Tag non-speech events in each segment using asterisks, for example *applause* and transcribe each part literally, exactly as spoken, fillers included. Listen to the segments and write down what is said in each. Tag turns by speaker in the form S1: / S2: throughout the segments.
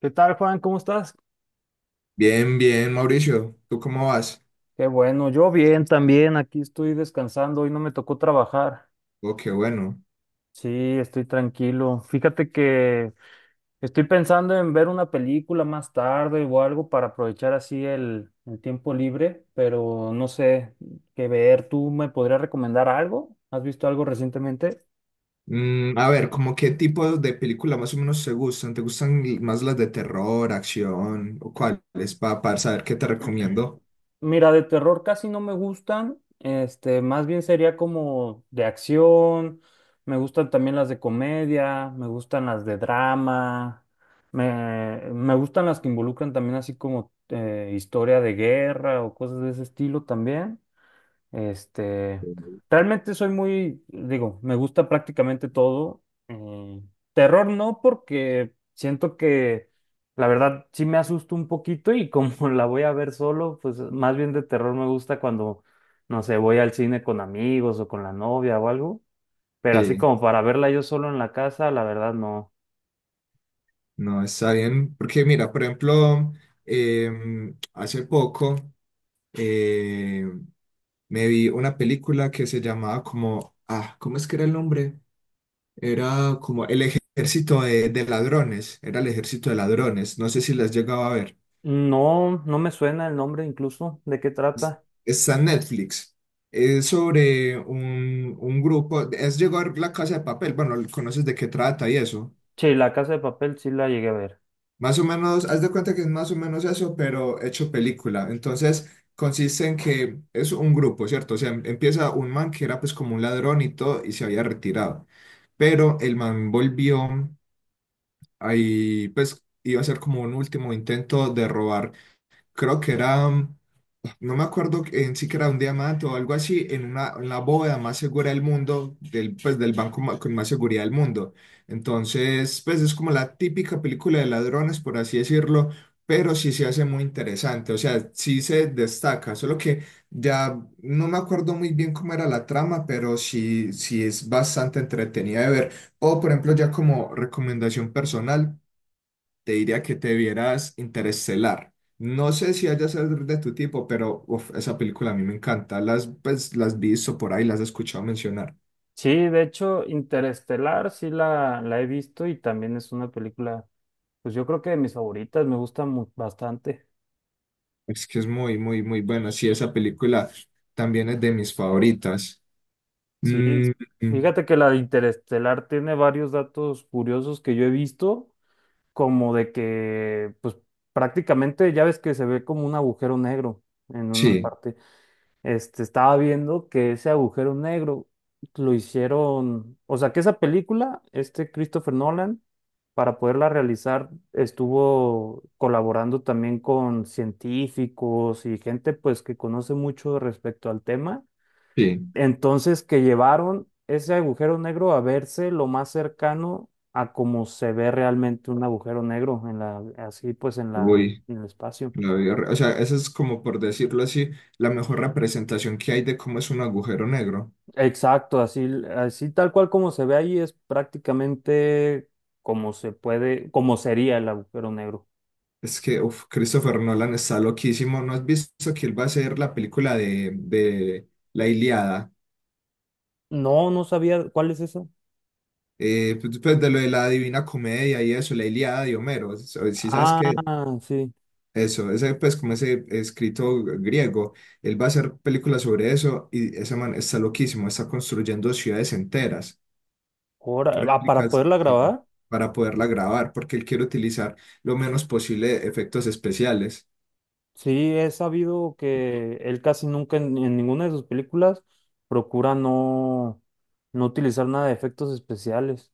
S1: ¿Qué tal, Juan? ¿Cómo estás?
S2: Bien, bien, Mauricio. ¿Tú cómo vas?
S1: Qué bueno, yo bien también, aquí estoy descansando, hoy no me tocó trabajar.
S2: Oh, qué bueno.
S1: Sí, estoy tranquilo. Fíjate que estoy pensando en ver una película más tarde o algo para aprovechar así el, el tiempo libre, pero no sé qué ver. ¿Tú me podrías recomendar algo? ¿Has visto algo recientemente?
S2: Mm, a ver, ¿cómo qué tipo de película más o menos te gustan? ¿Te gustan más las de terror, acción o cuáles? Pa- Para saber qué te recomiendo.
S1: Mira, de terror casi no me gustan. Este, más bien sería como de acción. Me gustan también las de comedia, me gustan las de drama. Me, me gustan las que involucran también así como eh, historia de guerra o cosas de ese estilo también. Este, Realmente soy muy, digo, me gusta prácticamente todo. eh, terror no, porque siento que la verdad sí me asusto un poquito y como *laughs* la voy a ver solo, pues más bien de terror me gusta cuando, no sé, voy al cine con amigos o con la novia o algo. Pero así
S2: Sí,
S1: como para verla yo solo en la casa, la verdad no.
S2: no, está bien. Porque mira, por ejemplo, em, hace poco eh, me vi una película que se llamaba como, ah, ¿cómo es que era el nombre? Era como El Ejército de, de Ladrones, era El Ejército de Ladrones, no sé si las llegaba a ver.
S1: No, no me suena el nombre, incluso de qué trata.
S2: Está en Netflix. Es sobre un, un grupo. Es llegar la casa de papel. Bueno, conoces de qué trata y eso.
S1: Sí, La Casa de Papel sí la llegué a ver.
S2: Más o menos, haz de cuenta que es más o menos eso, pero hecho película. Entonces, consiste en que es un grupo, ¿cierto? O sea, em- empieza un man que era pues como un ladrón y todo y se había retirado. Pero el man volvió ahí, pues iba a ser como un último intento de robar. Creo que era. No me acuerdo en sí que era un diamante o algo así, en una, en la bóveda más segura del mundo, del, pues del banco ma- con más seguridad del mundo. Entonces, pues es como la típica película de ladrones, por así decirlo, pero sí se hace muy interesante, o sea, sí se destaca, solo que ya no me acuerdo muy bien cómo era la trama, pero sí, sí es bastante entretenida de ver. O, por ejemplo, ya como recomendación personal te diría que te vieras Interestelar. No sé si haya ser de tu tipo, pero uf, esa película a mí me encanta. Las, pues, las visto por ahí, las he escuchado mencionar.
S1: Sí, de hecho, Interestelar sí la, la he visto y también es una película, pues yo creo que de mis favoritas, me gusta mu- bastante.
S2: Es que es muy, muy, muy buena. Sí, esa película también es de mis favoritas.
S1: Sí,
S2: Mm,
S1: fíjate que la de Interestelar tiene varios datos curiosos que yo he visto, como de que, pues prácticamente ya ves que se ve como un agujero negro en una
S2: sí,
S1: parte. Este, estaba viendo que ese agujero negro lo hicieron, o sea, que esa película, este Christopher Nolan, para poderla realizar, estuvo colaborando también con científicos y gente pues que conoce mucho respecto al tema.
S2: sí.
S1: Entonces, que llevaron ese agujero negro a verse lo más cercano a cómo se ve realmente un agujero negro en la, así pues en la,
S2: Uy,
S1: en el espacio.
S2: la vi horri- o sea, esa es como por decirlo así, la mejor representación que hay de cómo es un agujero negro.
S1: Exacto, así, así tal cual como se ve ahí es prácticamente como se puede, como sería el agujero negro.
S2: Es que, uf, Christopher Nolan está loquísimo. ¿No has visto que él va a hacer la película de, de La Ilíada?
S1: No, no sabía cuál es eso.
S2: Eh, pues, pues, de lo de la Divina Comedia y eso, la Ilíada de Homero, eso, si sabes
S1: Ah,
S2: que
S1: sí.
S2: eso, ese pues como ese escrito griego, él va a hacer películas sobre eso y ese man está loquísimo, está construyendo ciudades enteras,
S1: Ahora, ah, para
S2: réplicas,
S1: poderla
S2: sí,
S1: grabar,
S2: para poderla grabar, porque él quiere utilizar lo menos posible efectos especiales.
S1: sí, he sabido que él casi nunca en, en ninguna de sus películas procura no, no, utilizar nada de efectos especiales.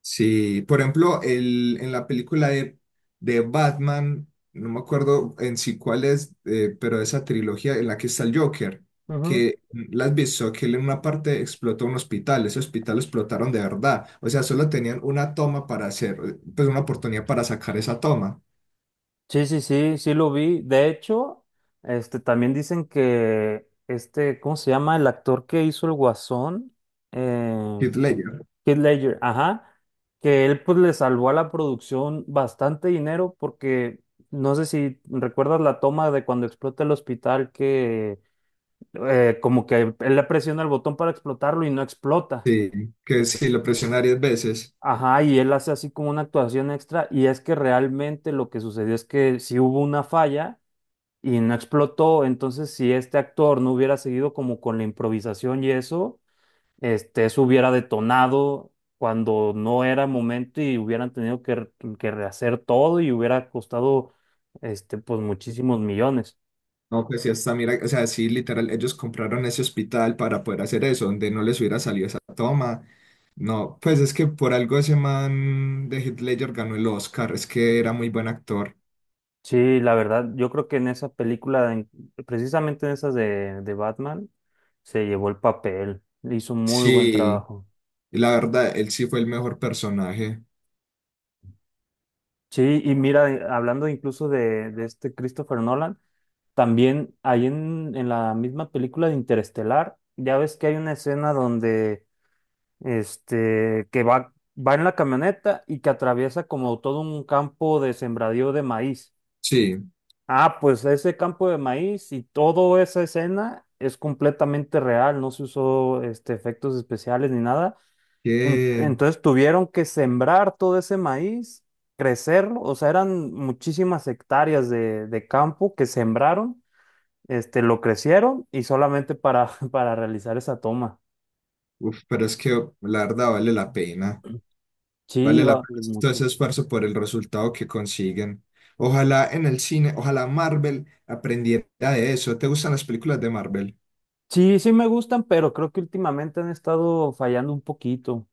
S2: Sí, por ejemplo, el, en la película de, de Batman, no me acuerdo en sí cuál es, eh, pero esa trilogía en la que está el Joker, que mm, la has visto, que él en una parte explotó un hospital, ese hospital lo explotaron de verdad, o sea, solo tenían una toma para hacer, eh, pues una oportunidad para sacar esa toma,
S1: Sí, sí, sí, sí lo vi. De hecho, este también dicen que este, ¿cómo se llama? El actor que hizo el Guasón, eh,
S2: Heath Ledger,
S1: Heath Ledger, ajá, que él pues le salvó a la producción bastante dinero porque no sé si recuerdas la toma de cuando explota el hospital, que eh, como que él le presiona el botón para explotarlo y no explota.
S2: sí, que si lo presiona diez veces.
S1: Ajá, y él hace así como una actuación extra, y es que realmente lo que sucedió es que sí hubo una falla y no explotó. Entonces, si este actor no hubiera seguido como con la improvisación y eso, este, eso hubiera detonado cuando no era momento y hubieran tenido que, re- que rehacer todo y hubiera costado, este, pues muchísimos millones.
S2: No, pues sí, hasta mira, o sea, sí, literal, ellos compraron ese hospital para poder hacer eso, donde no les hubiera salido esa toma. No, pues es que por algo ese man de Heath Ledger ganó el Oscar, es que era muy buen actor.
S1: Sí, la verdad, yo creo que en esa película, en- precisamente en esas de, de, Batman, se llevó el papel, hizo muy buen
S2: Sí,
S1: trabajo.
S2: y la verdad, él sí fue el mejor personaje.
S1: Sí, y mira, eh, hablando incluso de, de este Christopher Nolan, también ahí en, en la misma película de Interestelar, ya ves que hay una escena donde este que va, va en la camioneta y que atraviesa como todo un campo de sembradío de maíz.
S2: Sí,
S1: Ah, pues ese campo de maíz y toda esa escena es completamente real, no se usó este, efectos especiales ni nada. En-
S2: que,
S1: entonces tuvieron que sembrar todo ese maíz, crecerlo, o sea, eran muchísimas hectáreas de, de campo que sembraron este, lo crecieron y solamente para, *laughs* para realizar esa toma.
S2: uf, pero es que la verdad vale la pena,
S1: Sí,
S2: vale la
S1: va a
S2: pena
S1: valer
S2: hacer todo
S1: mucho.
S2: ese esfuerzo por el resultado que consiguen. Ojalá en el cine, ojalá Marvel aprendiera de eso. ¿Te gustan las películas de Marvel?
S1: Sí, sí me gustan, pero creo que últimamente han estado fallando un poquito.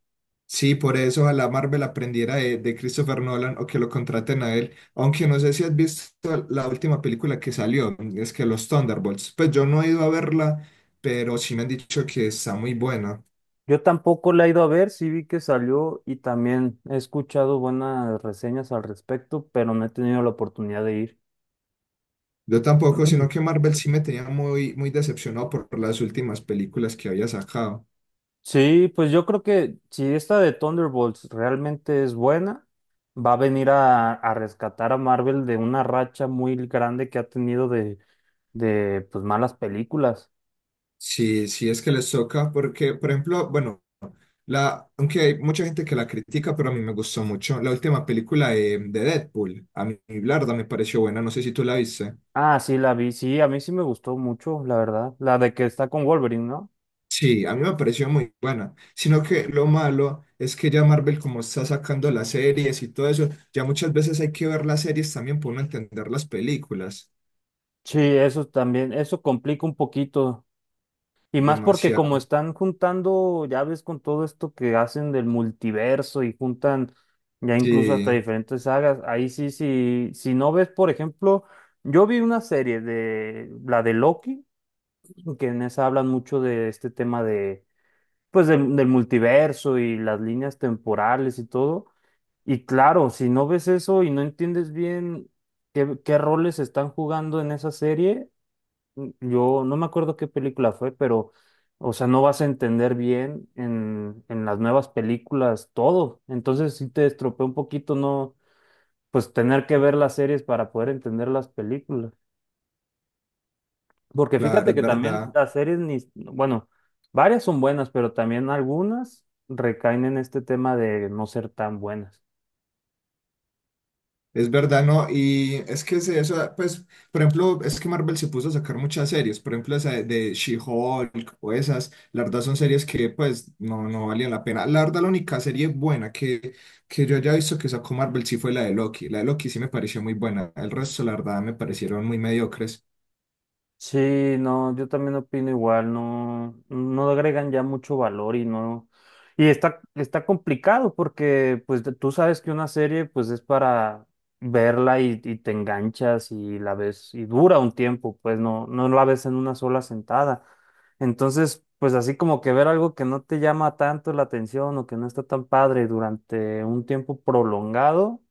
S2: Sí, por eso ojalá Marvel aprendiera de, de Christopher Nolan o que lo contraten a él. Aunque no sé si has visto la última película que salió, es que Los Thunderbolts. Pues yo no he ido a verla, pero sí me han dicho que está muy buena.
S1: Yo tampoco la he ido a ver, sí vi que salió y también he escuchado buenas reseñas al respecto, pero no he tenido la oportunidad de ir.
S2: Yo tampoco, sino que
S1: *clears throat*
S2: Marvel sí me tenía muy, muy decepcionado por las últimas películas que había sacado.
S1: Sí, pues yo creo que si esta de Thunderbolts realmente es buena, va a venir a, a, rescatar a Marvel de una racha muy grande que ha tenido de, de pues, malas películas.
S2: Sí, sí es que les toca, porque, por ejemplo, bueno, la, aunque hay mucha gente que la critica, pero a mí me gustó mucho la última película de, de Deadpool. A mí, la verdad, me pareció buena, no sé si tú la viste.
S1: Ah, sí, la vi. Sí, a mí sí me gustó mucho, la verdad. La de que está con Wolverine, ¿no?
S2: Sí, a mí me pareció muy buena. Sino que lo malo es que ya Marvel, como está sacando las series y todo eso, ya muchas veces hay que ver las series también para uno entender las películas.
S1: Sí, eso también, eso complica un poquito. Y más porque como
S2: Demasiado.
S1: están juntando, ya ves, con todo esto que hacen del multiverso y juntan ya incluso hasta
S2: Sí,
S1: diferentes sagas, ahí sí, sí, si no ves, por ejemplo, yo vi una serie de la de Loki, que en esa hablan mucho de este tema de, pues, del del multiverso y las líneas temporales y todo. Y claro, si no ves eso y no entiendes bien qué, qué roles están jugando en esa serie, n- yo no me acuerdo qué película fue, pero, o sea, no vas a entender bien en, en, las nuevas películas todo. Entonces sí te estropea un poquito, no, pues tener que ver las series para poder entender las películas. Porque
S2: claro,
S1: fíjate
S2: es
S1: que también
S2: verdad.
S1: las series, ni, bueno, varias son buenas, pero también algunas recaen en este tema de no ser tan buenas.
S2: Es verdad, ¿no? Y es que se- eso, pues, por ejemplo, es que Marvel se puso a sacar muchas series, por ejemplo, esa de, de She-Hulk o esas, la verdad son series que, pues, no, no valían la pena. La verdad, la única serie buena que, que yo haya visto que sacó Marvel sí fue la de Loki. La de Loki sí me pareció muy buena, el resto, la verdad, me parecieron muy mediocres.
S1: Sí, no, yo también opino igual, no, no, agregan ya mucho valor y no, y está, está complicado porque pues de- tú sabes que una serie pues es para verla y, y te enganchas y la ves y dura un tiempo, pues no, no la ves en una sola sentada. Entonces, pues así como que ver algo que no te llama tanto la atención o que no está tan padre durante un tiempo prolongado,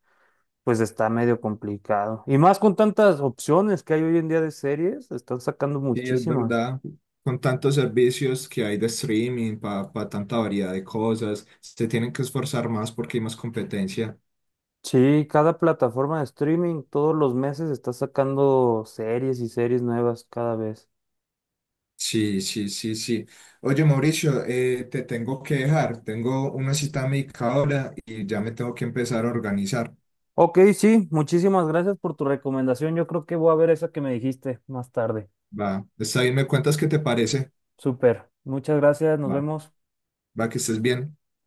S1: pues está medio complicado. Y más con tantas opciones que hay hoy en día de series, están sacando
S2: Sí, es
S1: muchísimas.
S2: verdad, con tantos servicios que hay de streaming, para tanta variedad de cosas, se tienen que esforzar más porque hay más competencia.
S1: Sí, cada plataforma de streaming todos los meses está sacando series y series nuevas cada vez.
S2: Sí, sí, sí, sí. Oye, Mauricio, eh, te tengo que dejar. Tengo una cita médica ahora y ya me tengo que empezar a organizar.
S1: Ok, sí, muchísimas gracias por tu recomendación. Yo creo que voy a ver esa que me dijiste más tarde.
S2: Va, está bien, me cuentas qué te parece.
S1: Súper. Muchas gracias, nos
S2: Va,
S1: vemos.
S2: va, que estés bien.